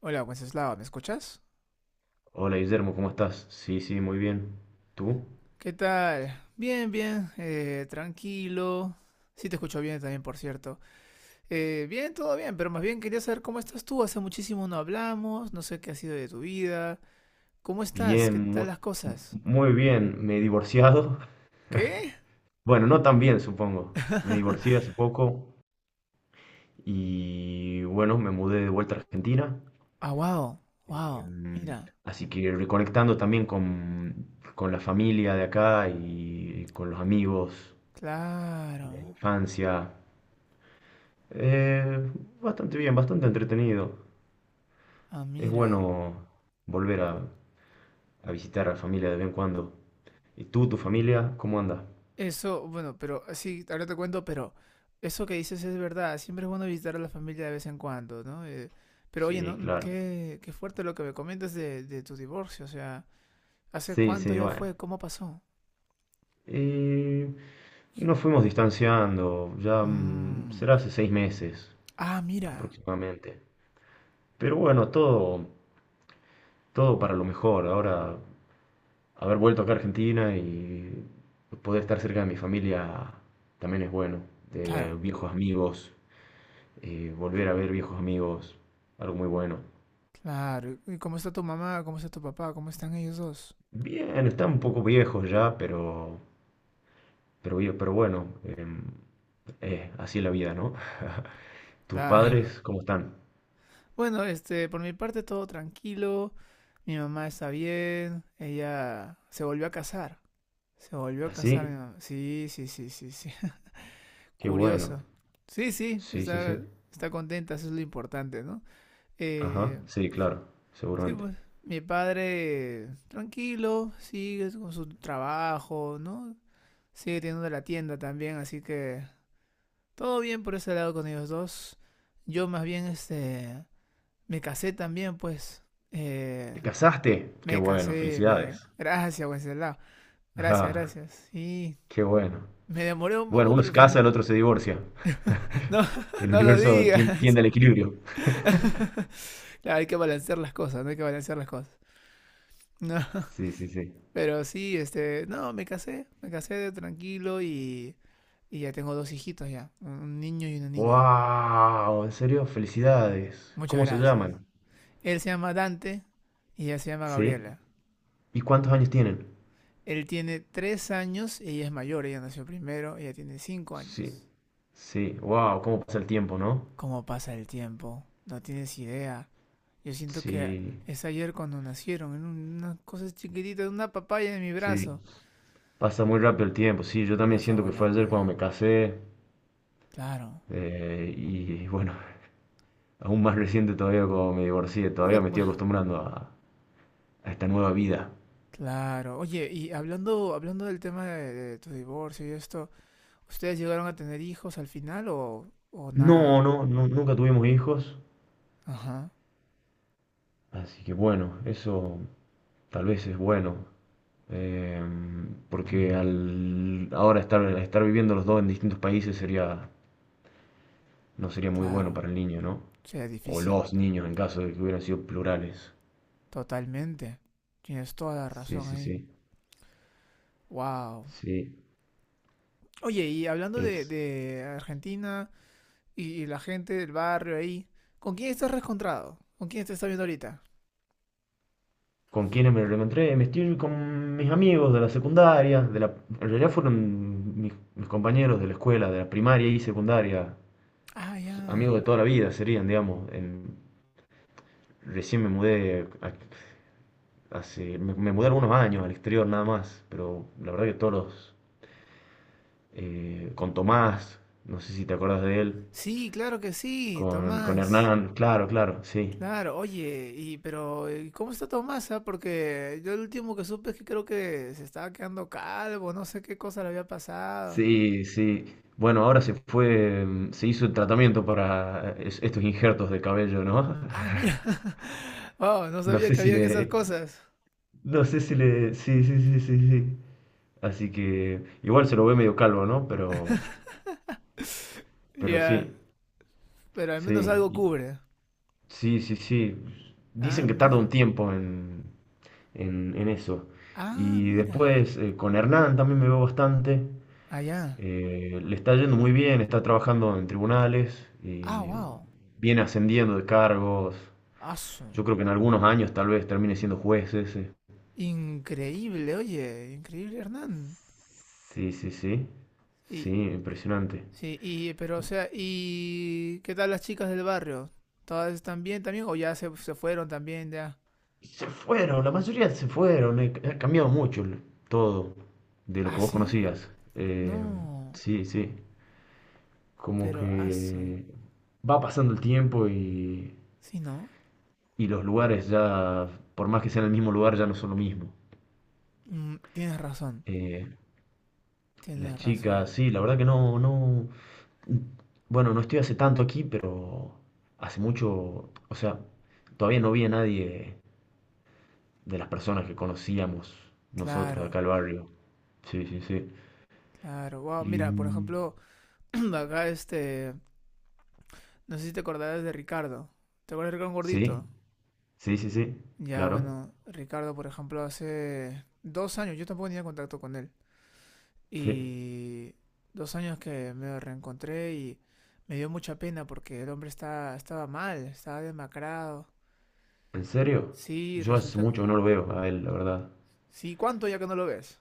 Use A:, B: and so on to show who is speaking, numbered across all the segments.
A: Hola, Wenceslao, ¿me escuchas?
B: Hola Guillermo, ¿cómo estás? Sí, sí, muy bien. ¿Tú?
A: ¿Qué tal? Bien, bien, tranquilo. Sí, te escucho bien también, por cierto. Bien, todo bien, pero más bien quería saber cómo estás tú. Hace muchísimo no hablamos, no sé qué ha sido de tu vida. ¿Cómo estás?
B: Bien,
A: ¿Qué tal
B: muy,
A: las cosas?
B: muy bien. Me he divorciado.
A: ¿Qué?
B: Bueno, no tan bien, supongo. Me divorcié hace poco y bueno, me mudé de vuelta a Argentina.
A: Ah, wow, wow, mira.
B: Así que reconectando también con la familia de acá y con los amigos
A: Claro.
B: de la infancia. Eh, Bastante bien, bastante entretenido.
A: Ah,
B: Es
A: mira.
B: bueno volver a visitar a la familia de vez en cuando. ¿Y tú, tu familia, cómo anda?
A: Eso, bueno, pero sí, ahora te cuento, pero eso que dices es verdad. Siempre es bueno visitar a la familia de vez en cuando, ¿no? Pero oye,
B: Sí,
A: ¿no?
B: claro.
A: Qué fuerte lo que me comentas de tu divorcio. O sea, ¿hace
B: Sí,
A: cuánto
B: sí,
A: ya
B: bueno.
A: fue? ¿Cómo pasó?
B: Eh, Nos fuimos distanciando, ya
A: Mm.
B: será hace 6 meses
A: Ah, mira.
B: aproximadamente. Pero bueno, todo, todo para lo mejor. Ahora, haber vuelto acá a Argentina y poder estar cerca de mi familia también es bueno. De
A: Claro,
B: viejos amigos, volver a ver viejos amigos, algo muy bueno.
A: claro. ¿Y cómo está tu mamá? ¿Cómo está tu papá? ¿Cómo están ellos dos?
B: Bien, están un poco viejos ya, pero, pero bueno. Así la vida, ¿no? ¿Tus
A: Claro.
B: padres cómo están?
A: Bueno, por mi parte todo tranquilo. Mi mamá está bien. Ella se volvió a casar. Se volvió a casar, mi
B: ¿Así?
A: mamá. Sí, sí, sí, sí, sí.
B: Qué bueno.
A: Curioso. Sí, sí,
B: Sí, sí, sí.
A: está contenta, eso es lo importante, ¿no?
B: Ajá,
A: Eh,
B: sí, claro,
A: sí,
B: seguramente.
A: pues mi padre tranquilo, sigue con su trabajo, ¿no? Sigue teniendo la tienda también, así que todo bien por ese lado con ellos dos. Yo más bien me casé también, pues.
B: ¿Te
A: Eh,
B: casaste? Qué
A: Me
B: bueno,
A: casé, me llegué.
B: felicidades.
A: Gracias, Wenceslao. Gracias,
B: Ajá,
A: gracias. Sí,
B: qué bueno.
A: me demoré un
B: Bueno,
A: poco,
B: uno
A: pero
B: se
A: al final.
B: casa, el otro se divorcia.
A: No,
B: El
A: no lo
B: universo
A: digas.
B: tiende al equilibrio.
A: Claro, hay que balancear las cosas, no hay que balancear las cosas. No.
B: Sí, sí, sí.
A: Pero sí, no, me casé de tranquilo y ya tengo dos hijitos ya, un niño y una niña.
B: ¡Wow! ¿En serio? Felicidades.
A: Muchas
B: ¿Cómo se
A: gracias.
B: llaman?
A: Él se llama Dante y ella se llama
B: Sí.
A: Gabriela.
B: ¿Y cuántos años tienen?
A: Él tiene 3 años y ella es mayor, ella nació primero, ella tiene cinco
B: Sí.
A: años.
B: Sí. ¡Wow! ¿Cómo pasa el tiempo, no?
A: ¿Cómo pasa el tiempo? No tienes idea. Yo siento que
B: Sí.
A: es ayer cuando nacieron, en una cosa chiquitita, en una papaya en mi
B: Sí.
A: brazo.
B: Pasa muy rápido el tiempo, sí, yo también
A: Pasa
B: siento que fue
A: volando
B: ayer
A: ya.
B: cuando me casé
A: Claro.
B: y bueno, aún más reciente todavía cuando me divorcié,
A: Eh,
B: todavía me estoy acostumbrando a esta nueva vida.
A: Claro. Oye, y hablando del tema de tu divorcio y esto, ¿ustedes llegaron a tener hijos al final o
B: No,
A: nada?
B: no, no, nunca tuvimos hijos,
A: Ajá,
B: así que bueno, eso tal vez es bueno, eh, porque al ahora estar, estar viviendo los dos en distintos países sería, no sería muy
A: claro.
B: bueno para el niño, ¿no?
A: O sea,
B: O
A: difícil.
B: los niños en caso de que hubieran sido plurales.
A: Totalmente. Tienes toda la
B: Sí,
A: razón
B: sí,
A: ahí.
B: sí,
A: Wow.
B: sí,
A: Oye, y hablando de,
B: es...
A: de Argentina y la gente del barrio ahí, ¿con quién estás reencontrado? ¿Con quién te estás viendo ahorita?
B: ¿Con quiénes me lo encontré? Me estoy con mis amigos de la secundaria, de la, en realidad fueron mis, mis compañeros de la escuela, de la primaria y secundaria,
A: Ah, ya.
B: amigos de toda la vida serían, digamos. Recién me mudé, hace, me mudé algunos años al exterior nada más, pero la verdad que todos los, con Tomás, no sé si te acordás de él,
A: Sí, claro que sí,
B: con
A: Tomás.
B: Hernán, claro, claro, sí.
A: Claro, oye, y pero ¿y cómo está Tomasa? Porque yo el último que supe es que creo que se estaba quedando calvo, no sé qué cosa le había pasado.
B: Sí, sí. Bueno, ahora se fue, se hizo el tratamiamiento para estos injertos de cabello, ¿no?
A: Ah, mira. Wow, no
B: No
A: sabía
B: sé
A: que
B: si
A: habían
B: le.
A: esas cosas.
B: No sé si le. Sí, sí, sí, sí, sí. Así que. Igual se lo ve medio calvo, ¿no? Pero. Pero
A: Ya,
B: sí.
A: pero al menos
B: Sí.
A: algo cubre.
B: Sí, sí, sí.
A: Ah,
B: Dicen que tarda
A: mira.
B: un tiempo en eso.
A: Ah,
B: Y
A: mira.
B: después con Hernán también me veo bastante.
A: Allá.
B: Le está yendo muy bien, está trabajando en tribunales
A: Ah,
B: y
A: wow.
B: viene ascendiendo de cargos.
A: Aso.
B: Yo creo que en algunos años tal vez termine siendo juez ese.
A: Increíble, oye, increíble, Hernán.
B: Sí, sí, sí. Sí,
A: Y,
B: impresionante.
A: Sí, y, pero o sea, ¿y qué tal las chicas del barrio? ¿Todas están bien también o ya se fueron también ya?
B: Se fueron, la mayoría se fueron, ha cambiado mucho todo de lo
A: ¿Ah,
B: que vos
A: sí?
B: conocías.
A: No,
B: Sí, sí, como
A: pero aso.
B: que va pasando el tiempo
A: ¿Sí, no?
B: y los lugares ya, por más que sean el mismo lugar, ya no son lo mismo.
A: Tienes razón,
B: Eh, las
A: tienes
B: chicas,
A: razón.
B: sí, la verdad que no, no, bueno, no estoy hace tanto aquí, pero hace mucho, o sea, todavía no vi a nadie de las personas que conocíamos nosotros de
A: Claro,
B: acá al barrio. Sí, sí, sí.
A: claro. Wow, mira, por
B: Mm,
A: ejemplo, acá no sé si te acordarás de Ricardo. ¿Te acuerdas de Ricardo
B: sí,
A: Gordito?
B: sí, sí, sí,
A: Ya,
B: claro.
A: bueno, Ricardo, por ejemplo, hace 2 años yo tampoco tenía contacto con él.
B: Sí.
A: Y 2 años que me reencontré y me dio mucha pena porque el hombre estaba mal, estaba demacrado.
B: ¿En serio?
A: Sí,
B: Yo hace
A: resulta que...
B: mucho que no lo veo a él, la verdad.
A: Sí, ¿cuánto ya que no lo ves?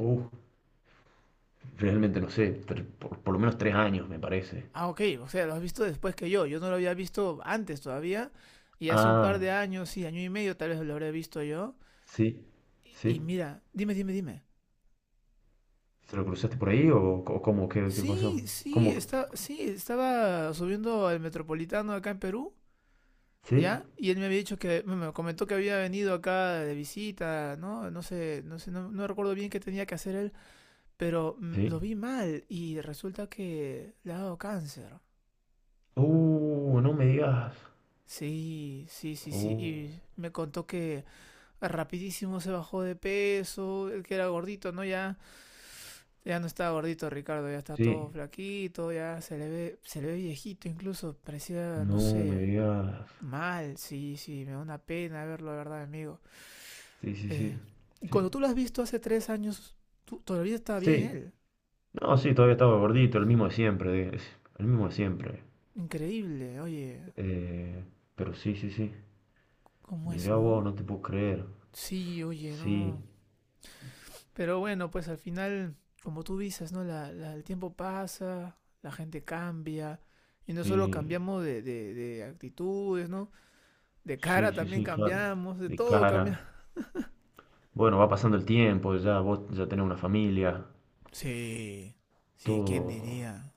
B: Uh, realmente no sé, por lo menos 3 años me parece.
A: Ah, ok, o sea, lo has visto después que yo. Yo no lo había visto antes todavía. Y hace un par
B: Ah,
A: de años, sí, año y medio tal vez lo habré visto yo.
B: sí,
A: Y
B: sí.
A: mira, dime, dime, dime.
B: ¿Se lo cruzaste por ahí o, cómo? ¿Qué, qué pasó?
A: Sí,
B: ¿Cómo?
A: sí, sí, estaba subiendo al Metropolitano acá en Perú.
B: ¿Sí?
A: ¿Ya? Y él me había dicho que, me comentó que había venido acá de visita, ¿no? No sé, no sé, no recuerdo bien qué tenía que hacer él, pero
B: Sí.
A: lo vi mal y resulta que le ha dado cáncer.
B: No me digas.
A: Sí, sí, sí, sí.
B: Uh,
A: Y me contó que rapidísimo se bajó de peso, el que era gordito, ¿no? Ya, ya no está gordito Ricardo, ya está todo
B: sí.
A: flaquito, ya se le ve viejito incluso, parecía, no
B: No me
A: sé,
B: digas.
A: mal, sí, sí, me da una pena verlo, la verdad, amigo.
B: Sí, sí,
A: Eh,
B: sí.
A: y
B: Sí.
A: cuando tú lo has visto hace 3 años, tú, todavía está bien
B: Sí.
A: él.
B: No, sí, todavía estaba gordito, el mismo de siempre. El mismo de siempre.
A: Increíble, oye,
B: Eh, pero sí, sí, sí.
A: ¿cómo es,
B: Mira, wow,
A: no?
B: no te puedo creer.
A: Sí, oye,
B: Sí,
A: no. Pero bueno, pues al final, como tú dices, ¿no? El tiempo pasa, la gente cambia. Y no solo
B: sí,
A: cambiamos de, de actitudes, ¿no? De
B: sí,
A: cara
B: sí,
A: también
B: sí, claro.
A: cambiamos, de
B: De
A: todo cambia.
B: cara. Bueno, va pasando el tiempo, ya vos ya tenés una familia.
A: Sí, sí, ¿quién
B: Todo.
A: diría?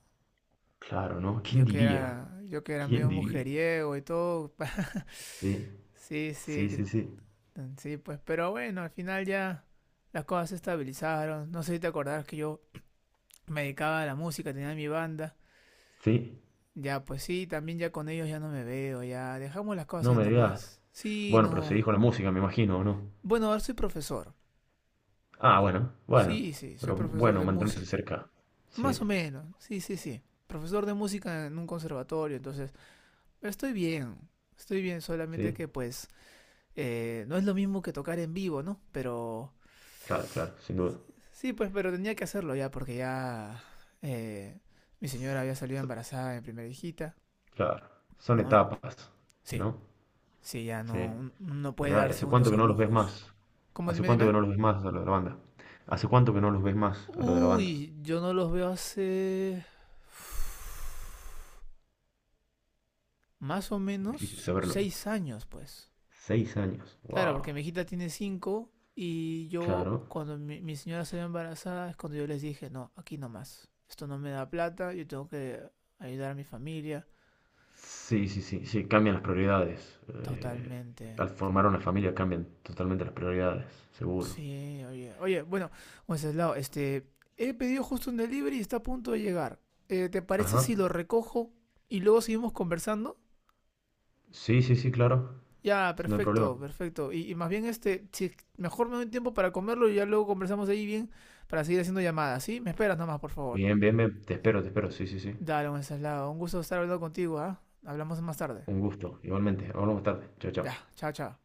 B: Claro, ¿no? ¿Quién
A: Yo que
B: diría?
A: era, yo que era
B: ¿Quién
A: medio
B: diría?
A: mujeriego y todo.
B: Sí,
A: sí,
B: sí,
A: sí,
B: sí, sí.
A: Sí, pues, pero bueno, al final ya las cosas se estabilizaron. No sé si te acordás que yo me dedicaba a la música, tenía mi banda.
B: Sí,
A: Ya, pues sí, también ya con ellos ya no me veo, ya dejamos las cosas
B: no
A: ahí
B: me digas.
A: nomás. Sí,
B: Bueno, pero
A: no.
B: seguís con la música, me imagino, ¿o no?
A: Bueno, ahora soy profesor.
B: Ah, bueno, bueno.
A: Sí, sí, soy
B: Pero
A: profesor
B: bueno,
A: de
B: mantenerse
A: música.
B: cerca. Sí,
A: Más o menos, sí, sí, sí. Profesor de música en un conservatorio, entonces estoy bien, estoy bien, solamente
B: sí.
A: que pues no es lo mismo que tocar en vivo, ¿no? Pero
B: Claro, claro, sin duda.
A: sí, pues, pero tenía que hacerlo ya, porque ya eh, mi señora había salido embarazada de mi primera hijita.
B: Claro, son
A: No,
B: etapas,
A: sí,
B: ¿no?
A: sí, ya
B: Sí.
A: no puede
B: Mirá, ¿y
A: darse
B: ¿hace
A: uno
B: cuánto que
A: esos
B: no los ves
A: lujos.
B: más?
A: ¿Cómo?
B: ¿Hace
A: Dime,
B: cuánto que
A: dime.
B: no los ves más a lo de la banda? ¿Hace cuánto que no los ves más a lo de la banda?
A: Uy, yo no los veo hace más o
B: Difícil
A: menos
B: saberlo.
A: 6 años, pues.
B: 6 años.
A: Claro,
B: Wow.
A: porque mi hijita tiene cinco y yo,
B: Claro.
A: cuando mi señora se ve embarazada, es cuando yo les dije, no, aquí no más. Esto no me da plata, yo tengo que ayudar a mi familia.
B: Sí, sí, sí, sí, cambian las prioridades. Eh,
A: Totalmente.
B: Al formar una familia cambian totalmente las prioridades, seguro.
A: Sí, oye, oye, bueno, Wenceslao, he pedido justo un delivery y está a punto de llegar. ¿Te parece
B: Ajá.
A: si lo recojo y luego seguimos conversando?
B: Sí, sí, sí, claro.
A: Ya,
B: No hay problema.
A: perfecto, perfecto. Y más bien, si mejor me doy tiempo para comerlo y ya luego conversamos ahí bien para seguir haciendo llamadas, ¿sí? Me esperas nomás, por favor.
B: Bien, bien, bien. Te espero, te espero. Sí, sí, sí.
A: Dale, Wenceslao, un gusto estar hablando contigo, ¿ah? Hablamos más tarde.
B: Un gusto. Igualmente. Hablamos más tarde. Chao,
A: Ya,
B: chao.
A: chao, chao.